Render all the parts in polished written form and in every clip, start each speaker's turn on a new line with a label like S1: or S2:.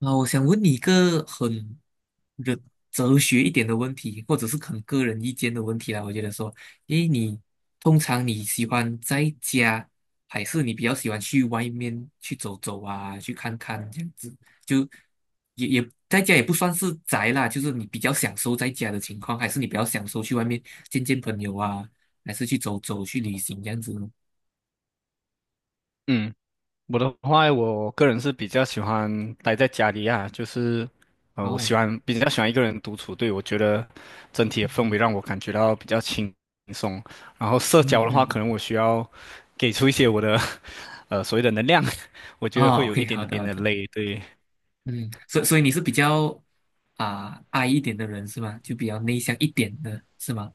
S1: 啊，我想问你一个很哲哲学一点的问题，或者是很个人意见的问题啦。我觉得说，诶，通常你喜欢在家，还是你比较喜欢去外面去走走啊，去看看这样子？就也在家也不算是宅啦，就是你比较享受在家的情况，还是你比较享受去外面见见朋友啊，还是去走走去旅行这样子呢？
S2: 嗯，我的话，我个人是比较喜欢待在家里啊，就是，我
S1: 哦，
S2: 喜欢比较喜欢一个人独处，对，我觉得整体的氛
S1: 嗯
S2: 围让我感觉到比较轻松。然后社
S1: 嗯
S2: 交的话，可
S1: 嗯，
S2: 能我需要给出一些我的 所谓的能量，我觉得
S1: 哦
S2: 会有一
S1: ，OK，好
S2: 点
S1: 的
S2: 点
S1: 好
S2: 的
S1: 的。
S2: 累，对，
S1: 嗯，所以你是比较I 一点的人是吗？就比较内向一点的是吗？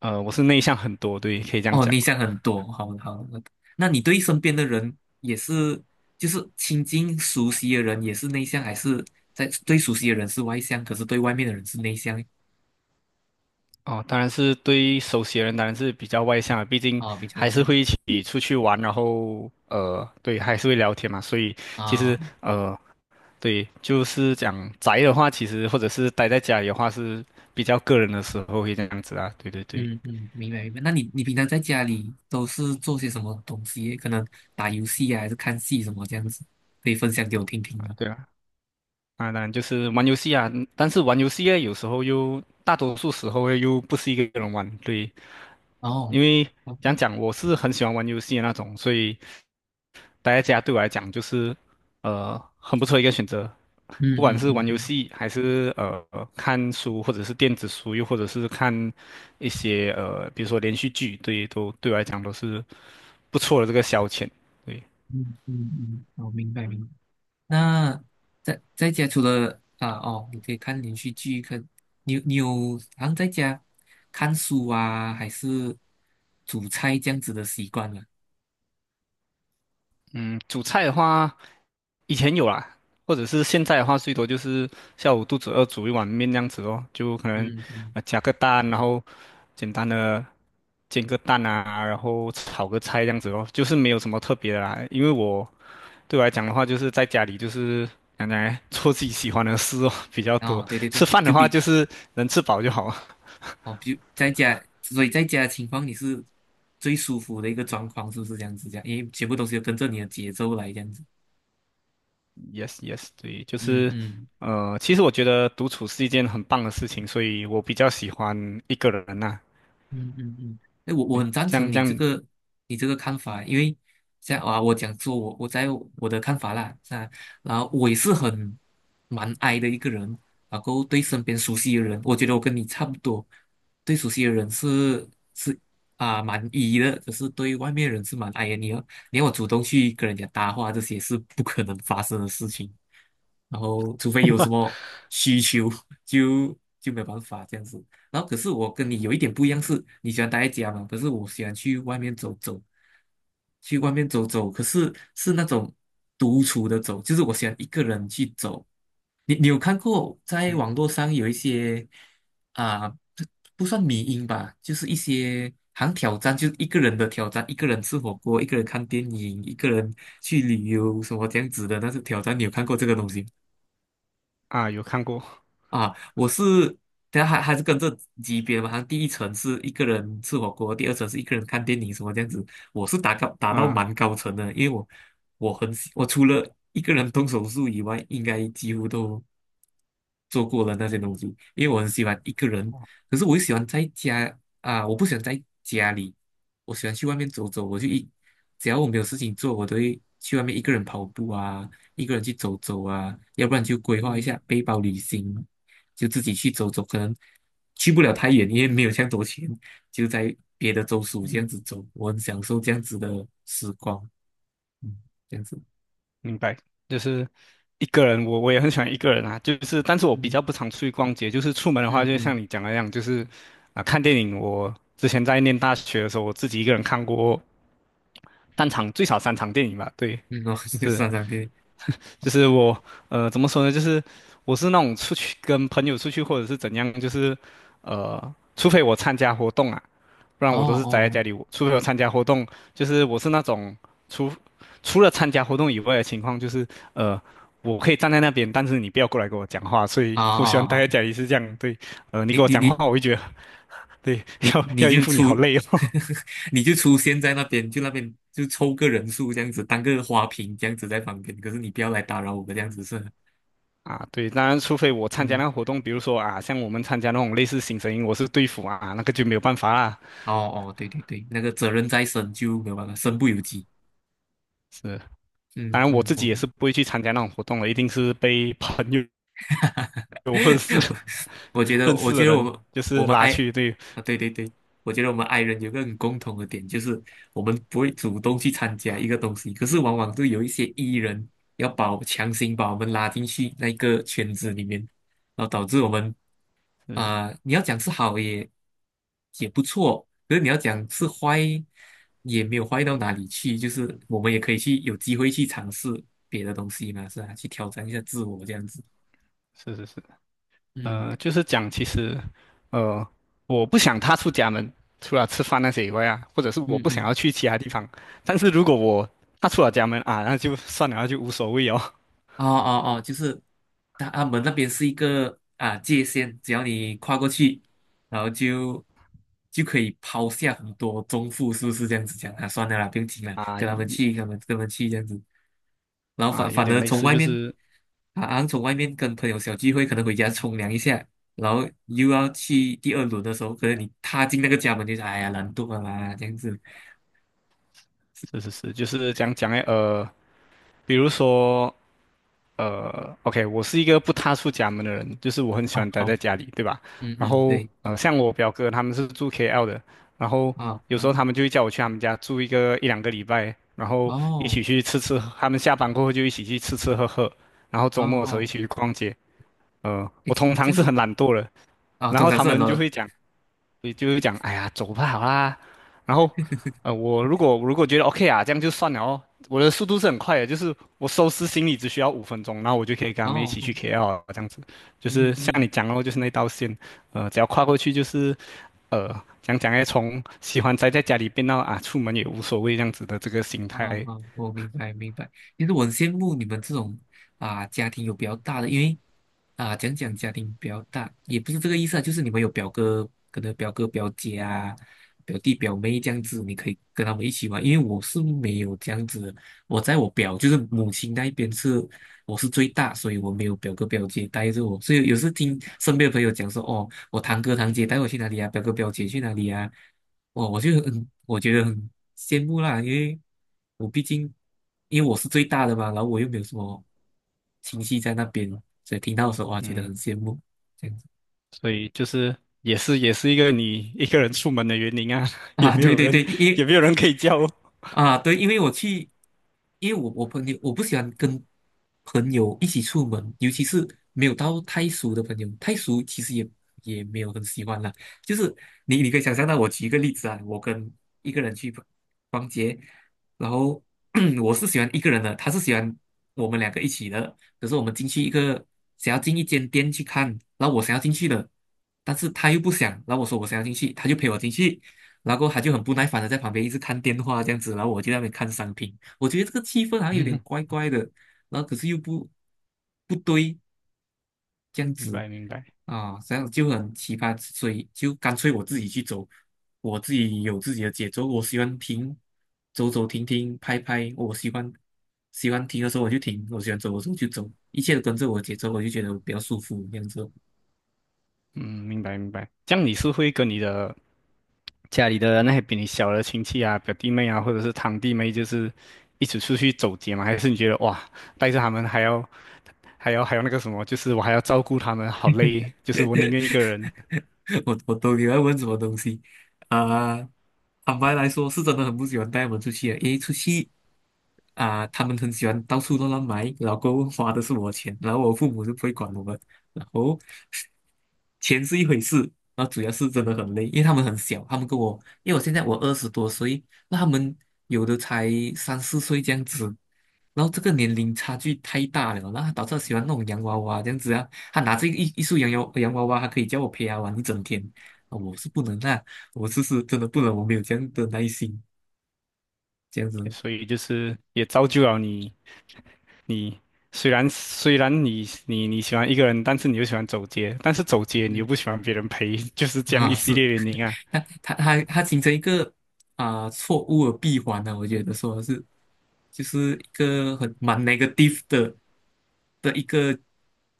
S2: 我是内向很多，对，可以这样
S1: 哦，
S2: 讲。
S1: 内向很多，好好。那你对身边的人也是，就是亲近熟悉的人也是内向，还是在对熟悉的人是外向，可是对外面的人是内向？
S2: 哦，当然是对熟悉的人，当然是比较外向的，毕竟
S1: 哦，比较外
S2: 还是
S1: 向，
S2: 会一起出去玩，然后对，还是会聊天嘛，所以其实
S1: 啊、
S2: 对，就是讲宅的话，其实或者是待在家里的话，是比较个人的时候会这样子啊。对对对，
S1: 嗯嗯，明白明白。那你平常在家里都是做些什么东西？可能打游戏啊，还是看戏什么这样子？可以分享给我听听吗？
S2: 对啊，啊，当然就是玩游戏啊，但是玩游戏呢，有时候又大多数时候又不是一个人玩，对，
S1: 哦，
S2: 因为
S1: 好吧，
S2: 讲我是很喜欢玩游戏的那种，所以。待在家对我来讲就是很不错的一个选择。
S1: 嗯
S2: 不管
S1: 嗯
S2: 是
S1: 嗯
S2: 玩游
S1: 嗯。
S2: 戏，还是看书，或者是电子书，又或者是看一些比如说连续剧，对，都对我来讲都是不错的这个消遣。对，
S1: 嗯嗯嗯，我明白明白。那在家除了你可以看连续剧，看你有好像在家看书啊，还是煮菜这样子的习惯吗？
S2: 嗯，煮菜的话，以前有啦，或者是现在的话，最多就是下午肚子饿煮一碗面这样子哦，就可能
S1: 嗯嗯，
S2: 加个蛋，然后简单的煎个蛋啊，然后炒个菜这样子哦，就是没有什么特别的啦，因为我。对我来讲的话，就是在家里就是讲讲哎 做自己喜欢的事哦比较多。
S1: 哦，对对
S2: 吃
S1: 对，
S2: 饭的话，就是能吃饱就好了。
S1: 哦，比在家，所以在家的情况你是最舒服的一个状况，是不是这样子？这样，因为全部东西都跟着你的节奏来这样子。
S2: Yes, yes，对，就
S1: 嗯
S2: 是
S1: 嗯。
S2: 其实我觉得独处是一件很棒的事情，所以我比较喜欢一个人呐、
S1: 嗯嗯嗯，哎，我
S2: 对，
S1: 很赞
S2: 这
S1: 成
S2: 样这
S1: 你这
S2: 样
S1: 个看法，因为像啊，我讲说我在我的看法啦，啊，然后我也是蛮 I 的一个人，然后对身边熟悉的人，我觉得我跟你差不多，对熟悉的人是是蛮 E 的，可是对外面的人是蛮 I 的，你要我主动去跟人家搭话，这些是不可能发生的事情，然后除非有什么需求，就没有办法这样子。然后可是我跟你有一点不一样是，你喜欢待在家嘛，可是我喜欢去外面走走，可是那种独处的走，就是我喜欢一个人去走。你有看过在网
S2: 嗯
S1: 络上有一些啊、不不算迷因吧，就是一些好像挑战，就是一个人的挑战，一个人吃火锅，一个人看电影，一个人去旅游什么这样子的，但是挑战，你有看过这个东西吗？
S2: 有看过
S1: 啊，我是，等下还是跟这级别嘛，好像第一层是一个人吃火锅，第二层是一个人看电影什么这样子。我是打到
S2: 啊。
S1: 蛮高层的，因为我我很喜我除了一个人动手术以外，应该几乎都做过了那些东西，因为我很喜欢一个人，可是我又喜欢在家啊，我不喜欢在家里，我喜欢去外面走走，我就一只要我没有事情做，我都会去外面一个人跑步啊，一个人去走走啊，要不然就规划一
S2: 嗯
S1: 下背包旅行。就自己去走走，可能去不了太远，因为没有这样多钱，就在别的州属这样
S2: 嗯。
S1: 子走，我很享受这样子的时光，嗯，这样子，
S2: 明白，就是一个人，我也很喜欢一个人啊，就是但是我比较
S1: 嗯
S2: 不常出去逛街，就是出门的话，
S1: 嗯
S2: 就像
S1: 嗯
S2: 你讲的那样，就是啊、看电影，我之前在念大学的时候，我自己一个人看过单场最少3场电影吧，对，
S1: 嗯，哦，就
S2: 是，
S1: 算上对，
S2: 就是我怎么说呢，就是我是那种出去跟朋友出去或者是怎样，就是除非我参加活动啊。不然
S1: 哦
S2: 我都是宅在
S1: 哦，
S2: 家里。我除了有参加活动，就是我是那种除除了参加活动以外的情况，就是呃，我可以站在那边，但是你不要过来跟我讲话，所以
S1: 啊
S2: 我喜欢待
S1: 啊啊，
S2: 在家里是这样。对，你
S1: 你
S2: 跟我
S1: 你
S2: 讲
S1: 你
S2: 话，我会觉得对，
S1: 你
S2: 要
S1: 你
S2: 要应
S1: 就
S2: 付你好
S1: 出，
S2: 累哦。
S1: 你就出现在那边，就那边就凑个人数这样子，当个花瓶这样子在旁边，可是你不要来打扰我们这样子是吧，
S2: 啊，对，当然，除非我参加那
S1: 嗯。
S2: 个活动，比如说啊，像我们参加那种类似新生营，我是队服啊，那个就没有办法啦。
S1: 哦哦，对对对，那个责任在身就没有办法，身不由己。
S2: 是，当
S1: 嗯
S2: 然我
S1: 嗯，
S2: 自己也是不会去参加那种活动的，一定是被朋友 或者
S1: 我觉得，
S2: 认
S1: 我
S2: 识
S1: 觉
S2: 的
S1: 得我
S2: 人
S1: 们
S2: 就
S1: 我
S2: 是
S1: 们
S2: 拉
S1: 爱
S2: 去，对，
S1: 啊，对对对，我觉得我们爱人有个很共同的点，就是我们不会主动去参加一个东西，可是往往都有一些 E 人要强行把我们拉进去那个圈子里面，然后导致我们
S2: 嗯。
S1: 你要讲是好也不错，可是你要讲是坏也没有坏到哪里去，就是我们也可以去有机会去尝试别的东西嘛，是吧？去挑战一下自我这样子，嗯
S2: 就是讲其实，呃，我不想踏出家门，除了吃饭那些以外啊，或者是我
S1: 嗯
S2: 不想
S1: 嗯。
S2: 要去其他地方。但是如果我踏出了家门啊，那就算了，那就无所谓哦。
S1: 哦哦哦，就是他们那边是一个界限，只要你跨过去，然后就可以抛下很多中负，是不是这样子讲啊？算了啦，不用听 了，
S2: 啊
S1: 跟他们
S2: 一
S1: 去，跟他们去这样子。然后反
S2: 啊，有
S1: 反
S2: 点
S1: 而
S2: 类
S1: 从
S2: 似，
S1: 外
S2: 就
S1: 面，
S2: 是
S1: 啊，好像从外面跟朋友小聚会，可能回家冲凉一下，然后又要去第二轮的时候，可能你踏进那个家门就是哎呀难度啊啦，这样子。
S2: 是是是，就是讲诶，比如说OK，我是一个不踏出家门的人，就是我很喜
S1: 哦，
S2: 欢待
S1: 好，
S2: 在家里，对吧？
S1: 嗯
S2: 然
S1: 嗯，
S2: 后，
S1: 对，
S2: 像我表哥他们是住 KL 的，然后有时候
S1: 好，
S2: 他们就会叫我去他们家住一两个礼拜，然后一
S1: 哦
S2: 起去吃吃，他们下班过后就一起去吃吃喝喝，然后
S1: 哦
S2: 周末的时候一
S1: 哦，
S2: 起去逛街。
S1: 哎，
S2: 我通
S1: 这
S2: 常
S1: 样
S2: 是
S1: 是
S2: 很懒惰的，
S1: 啊，
S2: 然
S1: 通
S2: 后
S1: 常
S2: 他
S1: 是很
S2: 们
S1: 多
S2: 就
S1: 人
S2: 会讲。所以就是讲，哎呀，走吧，好啦。然后，我如果觉得 OK 啊，这样就算了哦。我的速度是很快的，就是我收拾行李只需要5分钟，然后我就可以跟他们一
S1: 哦，
S2: 起去
S1: 哦
S2: KL 了这样子。就
S1: 嗯
S2: 是像
S1: 嗯，
S2: 你讲哦，就是那道线，只要跨过去就是，呃，讲讲哎，从喜欢宅在家里变到啊，出门也无所谓这样子的这个心
S1: 啊
S2: 态，
S1: 啊，我明白明白。其实我很羡慕你们这种家庭有比较大的，因为讲讲家庭比较大，也不是这个意思啊，就是你们有表哥，可能表哥表姐表弟表妹这样子，你可以跟他们一起玩。因为我是没有这样子的我在我表就是母亲那一边是我是最大，所以我没有表哥表姐带着我，所以有时听身边的朋友讲说，哦，我堂哥堂姐带我去哪里啊，表哥表姐去哪里啊。我觉得很羡慕啦，因为我毕竟因为我是最大的嘛，然后我又没有什么亲戚在那边，所以听到的时候哇，觉得
S2: 嗯，
S1: 很羡慕这样子
S2: 所以就是也是一个你一个人出门的原因啊，也
S1: 啊，
S2: 没
S1: 对
S2: 有
S1: 对对，
S2: 人
S1: 因为
S2: 也没有人可以叫哦。
S1: 啊，对，因为我去，因为我我朋友我不喜欢跟朋友一起出门，尤其是没有到太熟的朋友，太熟其实也没有很喜欢啦。就是你可以想象到，我举一个例子啊，我跟一个人去逛逛街，然后 我是喜欢一个人的，他是喜欢我们两个一起的。可是我们进去一个想要进一间店去看，然后我想要进去的，但是他又不想，然后我说我想要进去，他就陪我进去。然后他就很不耐烦的在旁边一直看电话这样子，然后我就在那边看商品，我觉得这个气氛好像有点怪 怪的，然后可是又不对这样
S2: 明
S1: 子
S2: 白明白。
S1: 啊，这样就很奇葩，所以就干脆我自己去走，我自己有自己的节奏，我喜欢停，走走停停，拍拍，我喜欢停的时候我就停，我喜欢走的时候就走，一切都跟着我的节奏，我就觉得比较舒服这样子。
S2: 嗯，明白明白。这样你是会跟你的家里的那些比你小的亲戚啊、表弟妹啊，或者是堂弟妹，就是一起出去走街吗？还是你觉得哇，带着他们还要那个什么，就是我还要照顾他们，好累，就是我宁愿一个人。
S1: 我都喜欢问什么东西啊、坦白来说，是真的很不喜欢带我们出去的，因为出去他们很喜欢到处乱乱买，老公过后花的是我钱，然后我父母就不会管我们，然后钱是一回事，然后主要是真的很累，因为他们很小，他们跟我，因为我现在20多岁，那他们有的才三四岁这样子，然后这个
S2: 哎
S1: 年
S2: 呦，
S1: 龄差距太大了，然后他导致他喜欢那种洋娃娃这样子啊。他拿着一束洋娃娃，他可以叫我陪他玩一整天。啊我是不能啊，我是真的不能，我没有这样的耐心，这样子。
S2: 所以就是也造就了你，你虽然你喜欢一个人，但是你又喜欢走街，但是走街你又
S1: 嗯，
S2: 不喜欢别人陪，就是这样一
S1: 啊，
S2: 系
S1: 是，
S2: 列原因啊。
S1: 他形成一个错误的闭环呢、我觉得说是，就是一个蛮 negative 的一个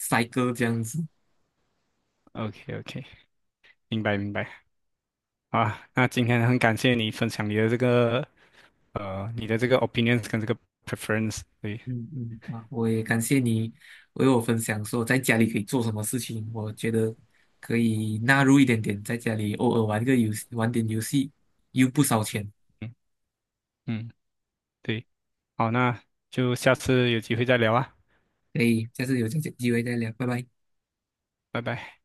S1: cycle 这样子。
S2: OK OK，明白明白。啊，那今天很感谢你分享你的这个 opinions 跟这个 preference，对，
S1: 嗯嗯嗯啊，我也感谢你为我分享说在家里可以做什么事情。我觉得可以纳入一点点，在家里偶尔玩个游戏，玩点游戏，又不烧钱。
S2: 嗯嗯，对，好，那就下次有机会再聊啊，
S1: 可以，下次有这机会再聊，拜拜。
S2: 拜拜。